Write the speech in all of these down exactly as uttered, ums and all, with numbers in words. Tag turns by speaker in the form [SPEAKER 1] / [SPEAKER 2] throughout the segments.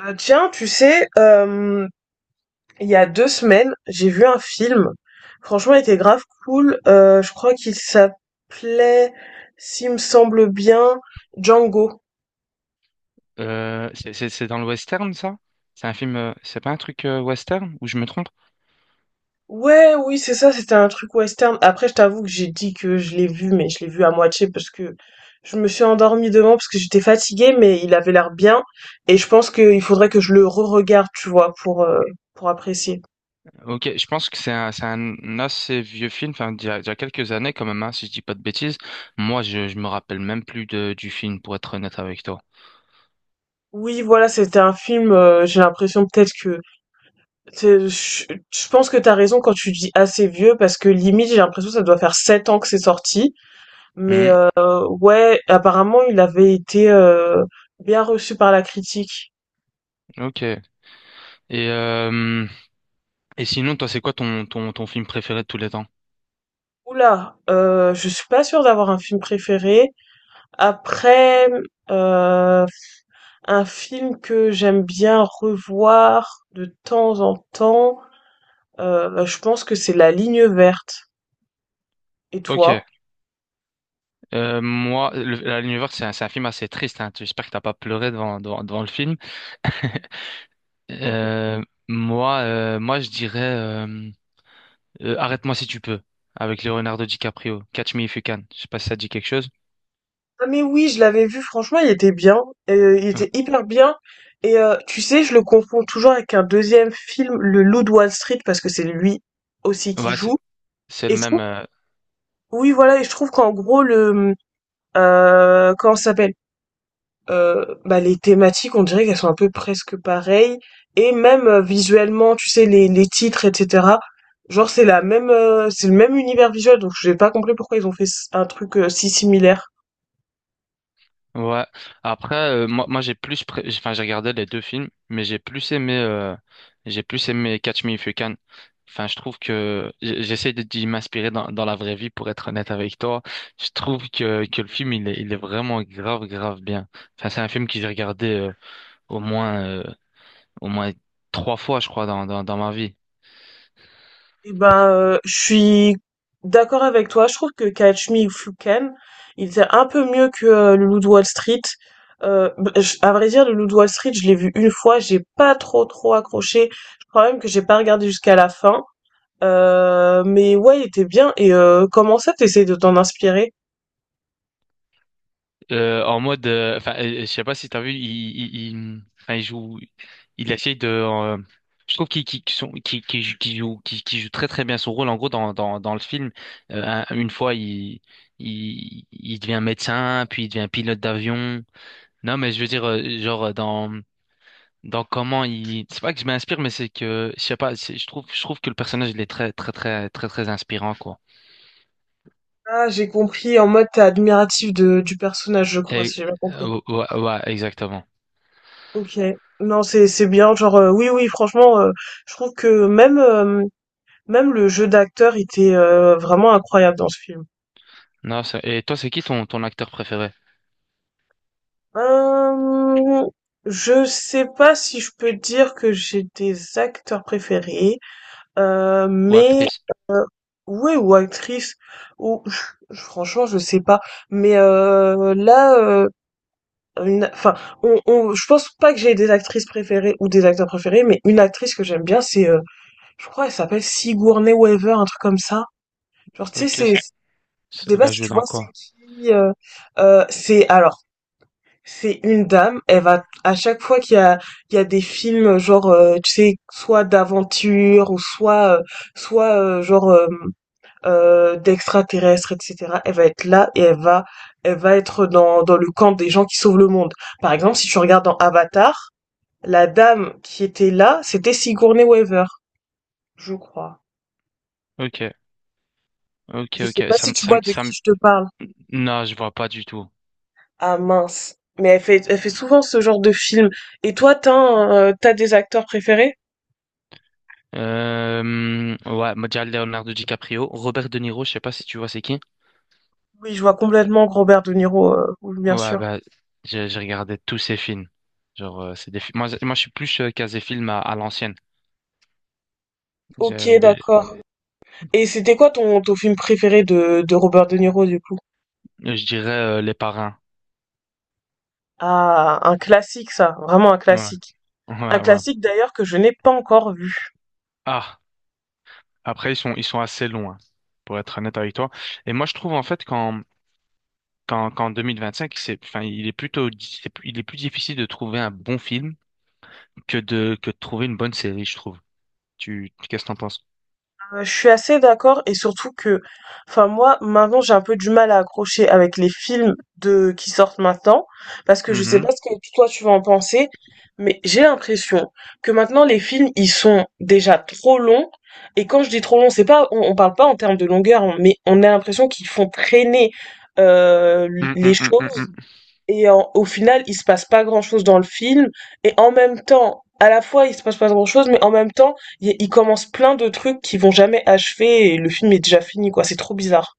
[SPEAKER 1] Euh, tiens, tu sais, euh, il y a deux semaines, j'ai vu un film. Franchement, il était grave cool. Euh, je crois qu'il s'appelait, s'il me semble bien, Django.
[SPEAKER 2] Euh, c'est c'est- c'est dans le western, ça? C'est un film, euh, c'est pas un truc euh, western ou je me trompe?
[SPEAKER 1] Ouais, oui, c'est ça, c'était un truc western. Après, je t'avoue que j'ai dit que je l'ai vu, mais je l'ai vu à moitié parce que je me suis endormie devant parce que j'étais fatiguée, mais il avait l'air bien. Et je pense qu'il faudrait que je le re-regarde, tu vois, pour, euh, pour apprécier.
[SPEAKER 2] Ok, je pense que c'est un, c'est un assez vieux film, enfin, d'il y a, d'il y a quelques années quand même, hein, si je dis pas de bêtises. Moi, je, je me rappelle même plus de, du film, pour être honnête avec toi.
[SPEAKER 1] Oui, voilà, c'était un film, euh, j'ai l'impression peut-être que C'est je je pense que t'as raison quand tu dis «assez vieux» parce que limite, j'ai l'impression que ça doit faire sept ans que c'est sorti, mais
[SPEAKER 2] Hmm,
[SPEAKER 1] heu, ouais, apparemment, il avait été, heu, bien reçu par la critique.
[SPEAKER 2] ok. Et, euh, et sinon, toi, c'est quoi ton, ton, ton film préféré de tous les temps?
[SPEAKER 1] Ouh là, je suis pas sûre d'avoir un film préféré. Après, heu, un film que j'aime bien revoir de temps en temps, heu, je pense que c'est La Ligne verte et
[SPEAKER 2] Ok.
[SPEAKER 1] toi?
[SPEAKER 2] Euh, moi, le- la Lune c'est un, c'est un film assez triste, hein. J'espère que t'as pas pleuré devant, devant, devant le film. Euh, moi, euh, Moi, je dirais. euh, Euh, Arrête-moi si tu peux, avec Leonardo DiCaprio. Catch Me If You Can. Je sais pas si ça te dit quelque chose.
[SPEAKER 1] Ah mais oui, je l'avais vu, franchement, il était bien, euh, il
[SPEAKER 2] Euh,
[SPEAKER 1] était hyper bien. Et euh, tu sais, je le confonds toujours avec un deuxième film, Le Loup de Wall Street, parce que c'est lui aussi qui
[SPEAKER 2] ouais, c'est
[SPEAKER 1] joue.
[SPEAKER 2] c'est le
[SPEAKER 1] Et je trouve,
[SPEAKER 2] même. Euh,
[SPEAKER 1] oui, voilà, et je trouve qu'en gros, le, euh, comment ça s'appelle? Heu, bah, les thématiques, on dirait qu'elles sont un peu presque pareilles et même, heu, visuellement, tu sais, les les titres et cetera. Genre, c'est la même, heu, c'est le même univers visuel, donc j'ai pas compris pourquoi ils ont fait s un truc, heu, si similaire.
[SPEAKER 2] ouais. Après, euh, moi, moi j'ai plus, pré- j'ai- enfin, j'ai regardé les deux films, mais j'ai plus aimé, euh, j'ai plus aimé Catch Me If You Can. Enfin, je trouve que j- j'essaie de d'y m'inspirer dans, dans la vraie vie, pour être honnête avec toi. Je trouve que, que le film, il est, il est vraiment grave, grave bien. Enfin, c'est un film que j'ai regardé euh, au moins, euh, au moins trois fois, je crois, dans, dans, dans ma vie.
[SPEAKER 1] Eh ben, euh, je suis d'accord avec toi. Je trouve que Catch Me If You Can, il était un peu mieux que euh, Le Loup de Wall Street. Euh, b- je- à vrai dire, Le Loup de Wall Street, je l'ai vu une fois, j'ai pas trop trop accroché. Je crois même que j'ai pas regardé jusqu'à la fin. Euh, mais ouais, il était bien. Et euh, comment ça, t'essayes de t'en inspirer?
[SPEAKER 2] Euh, en mode, euh, enfin, euh, euh, je sais pas si t'as vu, il, il, il, enfin, il joue, il essaye de, euh, je trouve qu'il qu'il- qu'il sont- qu'il- qu'il joue, qu'il joue, qu'il- qu'il joue très très bien son rôle. En gros, dans dans dans le film, euh, un- une fois il il il devient médecin, puis il devient pilote d'avion. Non, mais je veux dire, euh, genre dans dans comment il, c'est pas que je m'inspire, mais c'est que je sais pas, c'est- je trouve je trouve que le personnage il est très très très très très inspirant quoi.
[SPEAKER 1] Ah, j'ai compris. En mode, t'es admiratif de, du personnage, je crois,
[SPEAKER 2] Et
[SPEAKER 1] si j'ai bien compris.
[SPEAKER 2] euh, ouais, ouais, exactement.
[SPEAKER 1] Ok. Non, c'est c'est bien. Genre, euh, oui, oui, franchement, euh, je trouve que même. euh, Même le jeu d'acteur était, heu, vraiment incroyable dans ce film.
[SPEAKER 2] Non, c'est- et toi, c'est qui ton ton acteur préféré?
[SPEAKER 1] Hem, je sais pas si je peux dire que j'ai des acteurs préférés, heu,
[SPEAKER 2] Ou
[SPEAKER 1] mais
[SPEAKER 2] actrice.
[SPEAKER 1] ouais ou actrices ou je- franchement je sais pas. Mais, heu, là, heu, une enfin on on je pense pas que j'ai des actrices préférées ou des acteurs préférés, mais une actrice que j'aime bien c'est, heu, je crois elle s'appelle Sigourney Weaver, un truc comme ça. Genre tu sais
[SPEAKER 2] Ok,
[SPEAKER 1] c'est
[SPEAKER 2] ça,
[SPEAKER 1] je
[SPEAKER 2] ça-
[SPEAKER 1] sais
[SPEAKER 2] il
[SPEAKER 1] pas
[SPEAKER 2] a
[SPEAKER 1] si
[SPEAKER 2] joué
[SPEAKER 1] tu
[SPEAKER 2] dans
[SPEAKER 1] vois c'est
[SPEAKER 2] quoi?
[SPEAKER 1] qui, heu? Heu, c'est alors C'est une dame, elle va à chaque fois qu'il y a il y a des films genre euh, tu sais soit d'aventure ou soit euh, soit euh, genre euh, euh, d'extraterrestres et cetera. Elle va être là et elle va elle va être dans dans le camp des gens qui sauvent le monde. Par exemple, si tu regardes dans Avatar, la dame qui était là, c'était Sigourney Weaver, je crois.
[SPEAKER 2] Ok, ok,
[SPEAKER 1] Je sais
[SPEAKER 2] ok.
[SPEAKER 1] pas
[SPEAKER 2] Ça
[SPEAKER 1] si
[SPEAKER 2] me,
[SPEAKER 1] tu
[SPEAKER 2] ça
[SPEAKER 1] vois
[SPEAKER 2] me,
[SPEAKER 1] de
[SPEAKER 2] ça me...
[SPEAKER 1] qui je te parle.
[SPEAKER 2] Non, je vois pas du tout.
[SPEAKER 1] Ah mince. Mais elle fait elle fait souvent ce genre de film. Et toi, t'as un, euh, t'as des acteurs préférés?
[SPEAKER 2] Euh, ouais, moi, Leonardo DiCaprio, Robert De Niro, je sais pas si tu vois c'est qui.
[SPEAKER 1] Oui, je vois complètement Robert De Niro, euh, oui, bien
[SPEAKER 2] Ouais,
[SPEAKER 1] sûr.
[SPEAKER 2] bah, j'ai j'ai regardé tous ses films. Genre, euh, c'est des films. Moi, je- moi, je suis plus euh, casé film à, à l'ancienne.
[SPEAKER 1] Ok,
[SPEAKER 2] Je, les-
[SPEAKER 1] d'accord. Et c'était quoi ton, ton film préféré de, de Robert De Niro, du coup?
[SPEAKER 2] je dirais euh, Les Parrains.
[SPEAKER 1] Ah, un classique, ça, vraiment un
[SPEAKER 2] Ouais,
[SPEAKER 1] classique. Un
[SPEAKER 2] ouais, ouais.
[SPEAKER 1] classique d'ailleurs que je n'ai pas encore vu.
[SPEAKER 2] Ah, après, ils sont, ils sont assez longs, hein, pour être honnête avec toi. Et moi, je trouve en fait quand qu'en qu'en cinq c'est, enfin, il est plutôt, c'est il est plus difficile de trouver un bon film que de, que de trouver une bonne série, je trouve. Tu, qu'est-ce que t'en penses?
[SPEAKER 1] Euh, Je suis assez d'accord et surtout que, enfin moi maintenant j'ai un peu du mal à accrocher avec les films de qui sortent maintenant parce que je sais
[SPEAKER 2] Mhm.
[SPEAKER 1] pas ce que toi tu vas en penser, mais j'ai l'impression que maintenant les films ils sont déjà trop longs et quand je dis trop long c'est pas on, on parle pas en termes de longueur hein, mais on a l'impression qu'ils font traîner euh,
[SPEAKER 2] Mm,
[SPEAKER 1] les
[SPEAKER 2] mm, mm, mm,
[SPEAKER 1] choses
[SPEAKER 2] mm.
[SPEAKER 1] et en au final, il se passe pas grand-chose dans le film et en même temps, à la fois, il se passe pas grand-chose mais en même temps, il il commence plein de trucs qui vont jamais achever et le film est déjà fini quoi, c'est trop bizarre.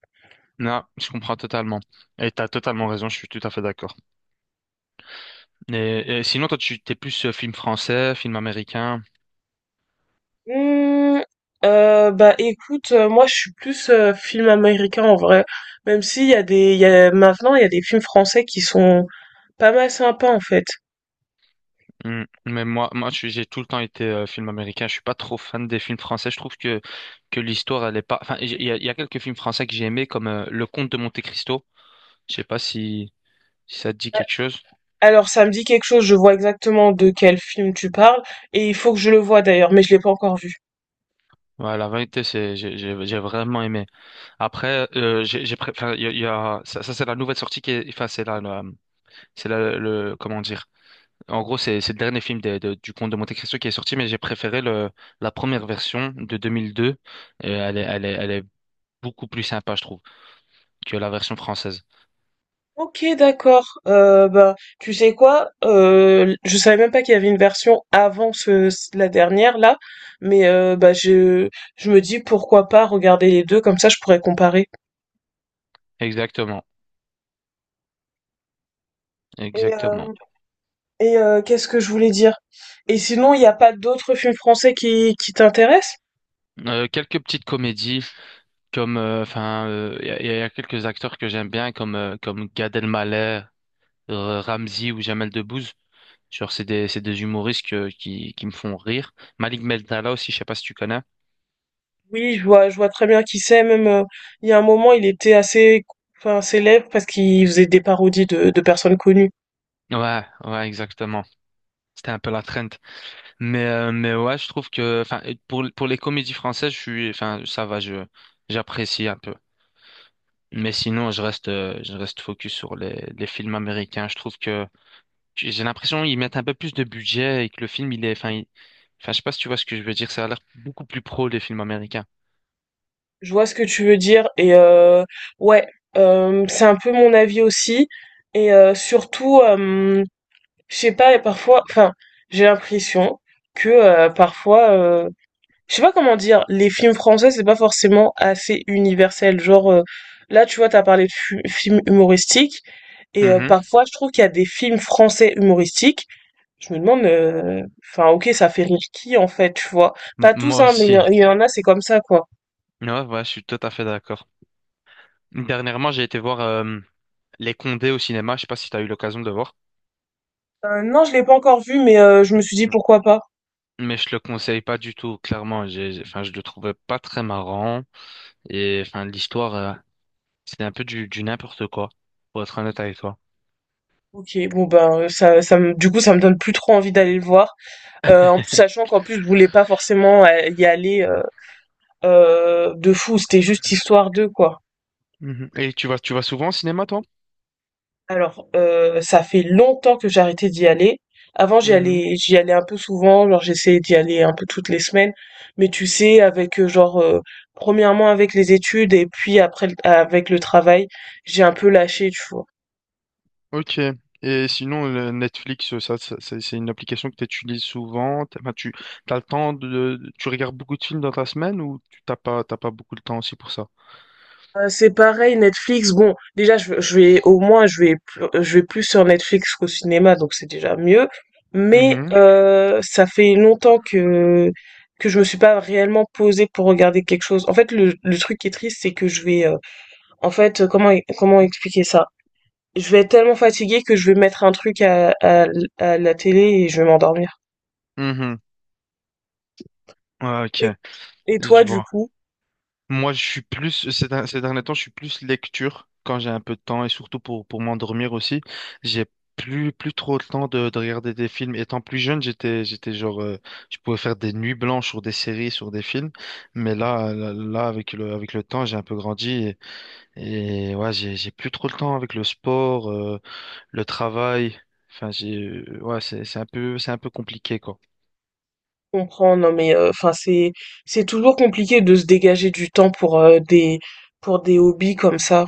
[SPEAKER 2] Non, je comprends totalement. Et t'as totalement raison, je suis tout à fait d'accord. Et, et sinon, toi, tu t'es plus euh, film français, film américain.
[SPEAKER 1] Mmh, euh, bah écoute, euh, moi je suis plus euh, film américain en vrai, même s'il y a des, il y a, maintenant il y a des films français qui sont pas mal sympas en fait.
[SPEAKER 2] Mm. Mais moi, moi, je suis- j'ai tout le temps été euh, film américain. Je suis pas trop fan des films français. Je trouve que que l'histoire, elle est pas. Enfin, il y a, il y a quelques films français que j'ai aimés, comme euh, Le Comte de Monte-Cristo. Je sais pas si si ça te dit quelque chose.
[SPEAKER 1] Alors ça me dit quelque chose, je vois exactement de quel film tu parles, et il faut que je le voie d'ailleurs, mais je l'ai pas encore vu.
[SPEAKER 2] Ouais, la vérité, c'est, j'ai, j'ai j'ai vraiment aimé. Après, euh, j'ai, j'ai pré- enfin, il y a, il y a- ça, ça, c'est la nouvelle sortie qui est, enfin, c'est là, la- c'est là, le, comment dire. En gros, c'est, c'est le dernier film des- de- du Comte de Monte-Cristo qui est sorti, mais j'ai préféré le, la première version de deux mille deux. Et elle est, elle est, elle est beaucoup plus sympa, je trouve, que la version française.
[SPEAKER 1] Ok, d'accord. Euh, bah, tu sais quoi? Euh, je savais même pas qu'il y avait une version avant ce, la dernière là, mais euh, bah je je me dis pourquoi pas regarder les deux, comme ça je pourrais comparer.
[SPEAKER 2] Exactement,
[SPEAKER 1] Et
[SPEAKER 2] exactement.
[SPEAKER 1] euh, Et euh, qu'est-ce que je voulais dire? Et sinon, il n'y a pas d'autres films français qui, qui t'intéressent?
[SPEAKER 2] Euh, quelques petites comédies, comme, euh, enfin, euh, il y, a il y a quelques acteurs que j'aime bien, comme, euh, comme Gad Elmaleh, euh, Ramzy ou Jamel Debbouze. Genre, c'est des, c'est des humoristes que- qui, qui me font rire. Malik Bentala aussi, je sais pas si tu connais.
[SPEAKER 1] Oui, je vois, je vois très bien qui c'est. Même euh, il y a un moment, il était assez, enfin, célèbre parce qu'il faisait des parodies de, de personnes connues.
[SPEAKER 2] Ouais, ouais, exactement. C'était un peu la trend. Mais, euh, mais ouais, je trouve que, enfin, pour, pour les comédies françaises, je suis, enfin, ça va, je, j'apprécie un peu. Mais sinon, je reste, euh, je reste focus sur les, les films américains. Je trouve que j'ai l'impression qu'ils mettent un peu plus de budget et que le film, il est, enfin, il- enfin, je sais pas si tu vois ce que je veux dire. Ça a l'air beaucoup plus pro, les films américains.
[SPEAKER 1] Je vois ce que tu veux dire. Et euh, ouais, euh, c'est un peu mon avis aussi. Et euh, surtout, euh, je sais pas, et parfois, enfin, j'ai l'impression que euh, parfois. euh, je sais pas comment dire, les films français, c'est pas forcément assez universel. Genre, euh, là, tu vois, t'as parlé de fu- films humoristiques, et euh,
[SPEAKER 2] Mhm.
[SPEAKER 1] parfois, je trouve qu'il y a des films français humoristiques. Je me demande, euh, enfin, ok, ça fait rire qui, en fait, tu vois.
[SPEAKER 2] M-
[SPEAKER 1] Pas tous,
[SPEAKER 2] Moi
[SPEAKER 1] hein, mais il y, en
[SPEAKER 2] aussi.
[SPEAKER 1] il y en a, c'est comme ça, quoi.
[SPEAKER 2] Ouais, ouais, je suis tout à fait d'accord. Dernièrement, j'ai été voir euh, Les Condés au cinéma. Je sais pas si tu as eu l'occasion de le voir.
[SPEAKER 1] Euh, non, je l'ai pas encore vu, mais euh, je me suis dit,
[SPEAKER 2] Oui.
[SPEAKER 1] pourquoi pas.
[SPEAKER 2] Mais je le conseille pas du tout, clairement. J'ai, j'ai- enfin, je le trouvais pas très marrant. Et enfin, l'histoire, euh, c'était un peu du, du n'importe quoi, pour être honnête avec toi.
[SPEAKER 1] Ok, bon, ben, euh, ça, ça me, du coup, ça me donne plus trop envie d'aller le voir. Euh, en plus, sachant qu'en plus, je voulais pas forcément euh, y aller euh, euh, de fou, c'était juste histoire de, quoi.
[SPEAKER 2] Mhm. Et tu vas, tu vas souvent au cinéma, toi?
[SPEAKER 1] Alors, heu, ça fait longtemps que j'ai arrêté d'y aller. Avant, j'y allais j'y allais un peu souvent, genre j'essayais d'y aller un peu toutes les semaines, mais tu sais avec, heu, genre, heu, premièrement°, avec les études et puis après l avec le travail, j'ai un peu lâché, tu vois?
[SPEAKER 2] Ok. Et sinon, le Netflix, ça, ça- c'est c'est une application que tu utilises souvent. T'as- Enfin, tu as le temps de, tu regardes beaucoup de films dans ta semaine ou tu t'as pas, t'as pas beaucoup de temps aussi pour ça?
[SPEAKER 1] Heu, c'est pareil Netflix, bon, déjà je je vais au moins je vais pl je vais plus sur Netflix qu'au cinéma, donc c'est déjà mieux. Mais
[SPEAKER 2] Mhm.
[SPEAKER 1] heu, ça fait longtemps que que je me suis pas réellement posée pour regarder quelque chose. En fait, le le truc qui est triste, c'est que je vais, heu, en fait, heu, comment e comment expliquer ça? Je vais être tellement fatiguée que je vais mettre un truc à à à la télé et je vais m'endormir.
[SPEAKER 2] Mhm. Ah, ok,
[SPEAKER 1] Et et
[SPEAKER 2] je
[SPEAKER 1] toi, du
[SPEAKER 2] vois.
[SPEAKER 1] coup?
[SPEAKER 2] Moi, je suis plus, ces, der- ces derniers temps, je suis plus lecture quand j'ai un peu de temps et surtout pour, pour m'endormir aussi. J'ai plus, plus trop le temps de, de regarder des films. Étant plus jeune, j'étais, j'étais genre, euh, je pouvais faire des nuits blanches sur des séries, sur des films. Mais là, là, là, avec le, avec le temps, j'ai un peu grandi et, et ouais, j'ai, j'ai plus trop le temps avec le sport, euh, le travail. Enfin, j'ai, euh, ouais, c'est, c'est un peu, c'est un peu compliqué, quoi.
[SPEAKER 1] Comprends, non mais enfin c'est c'est toujours compliqué de se dégager du temps pour, heu, des pour des hobbies comme ça.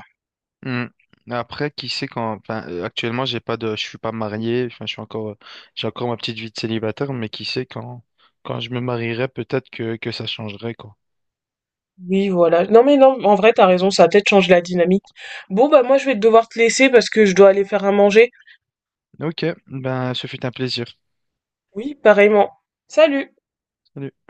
[SPEAKER 2] Hmm. Après, qui sait quand. Enfin, euh, actuellement, j'ai pas de. Je suis pas marié. Enfin, je suis encore. euh, J'ai encore ma petite vie de célibataire, mais qui sait quand. Quand je me marierai, peut-être que que ça changerait, quoi.
[SPEAKER 1] Oui, voilà. Non mais non, en vrai, t'as raison, ça a peut-être changé la dynamique. Bon, bah, moi, je vais devoir te laisser parce que je dois aller faire à manger.
[SPEAKER 2] Ok. Ben, ce fut un plaisir.
[SPEAKER 1] Oui, pareillement. Salut!
[SPEAKER 2] Salut.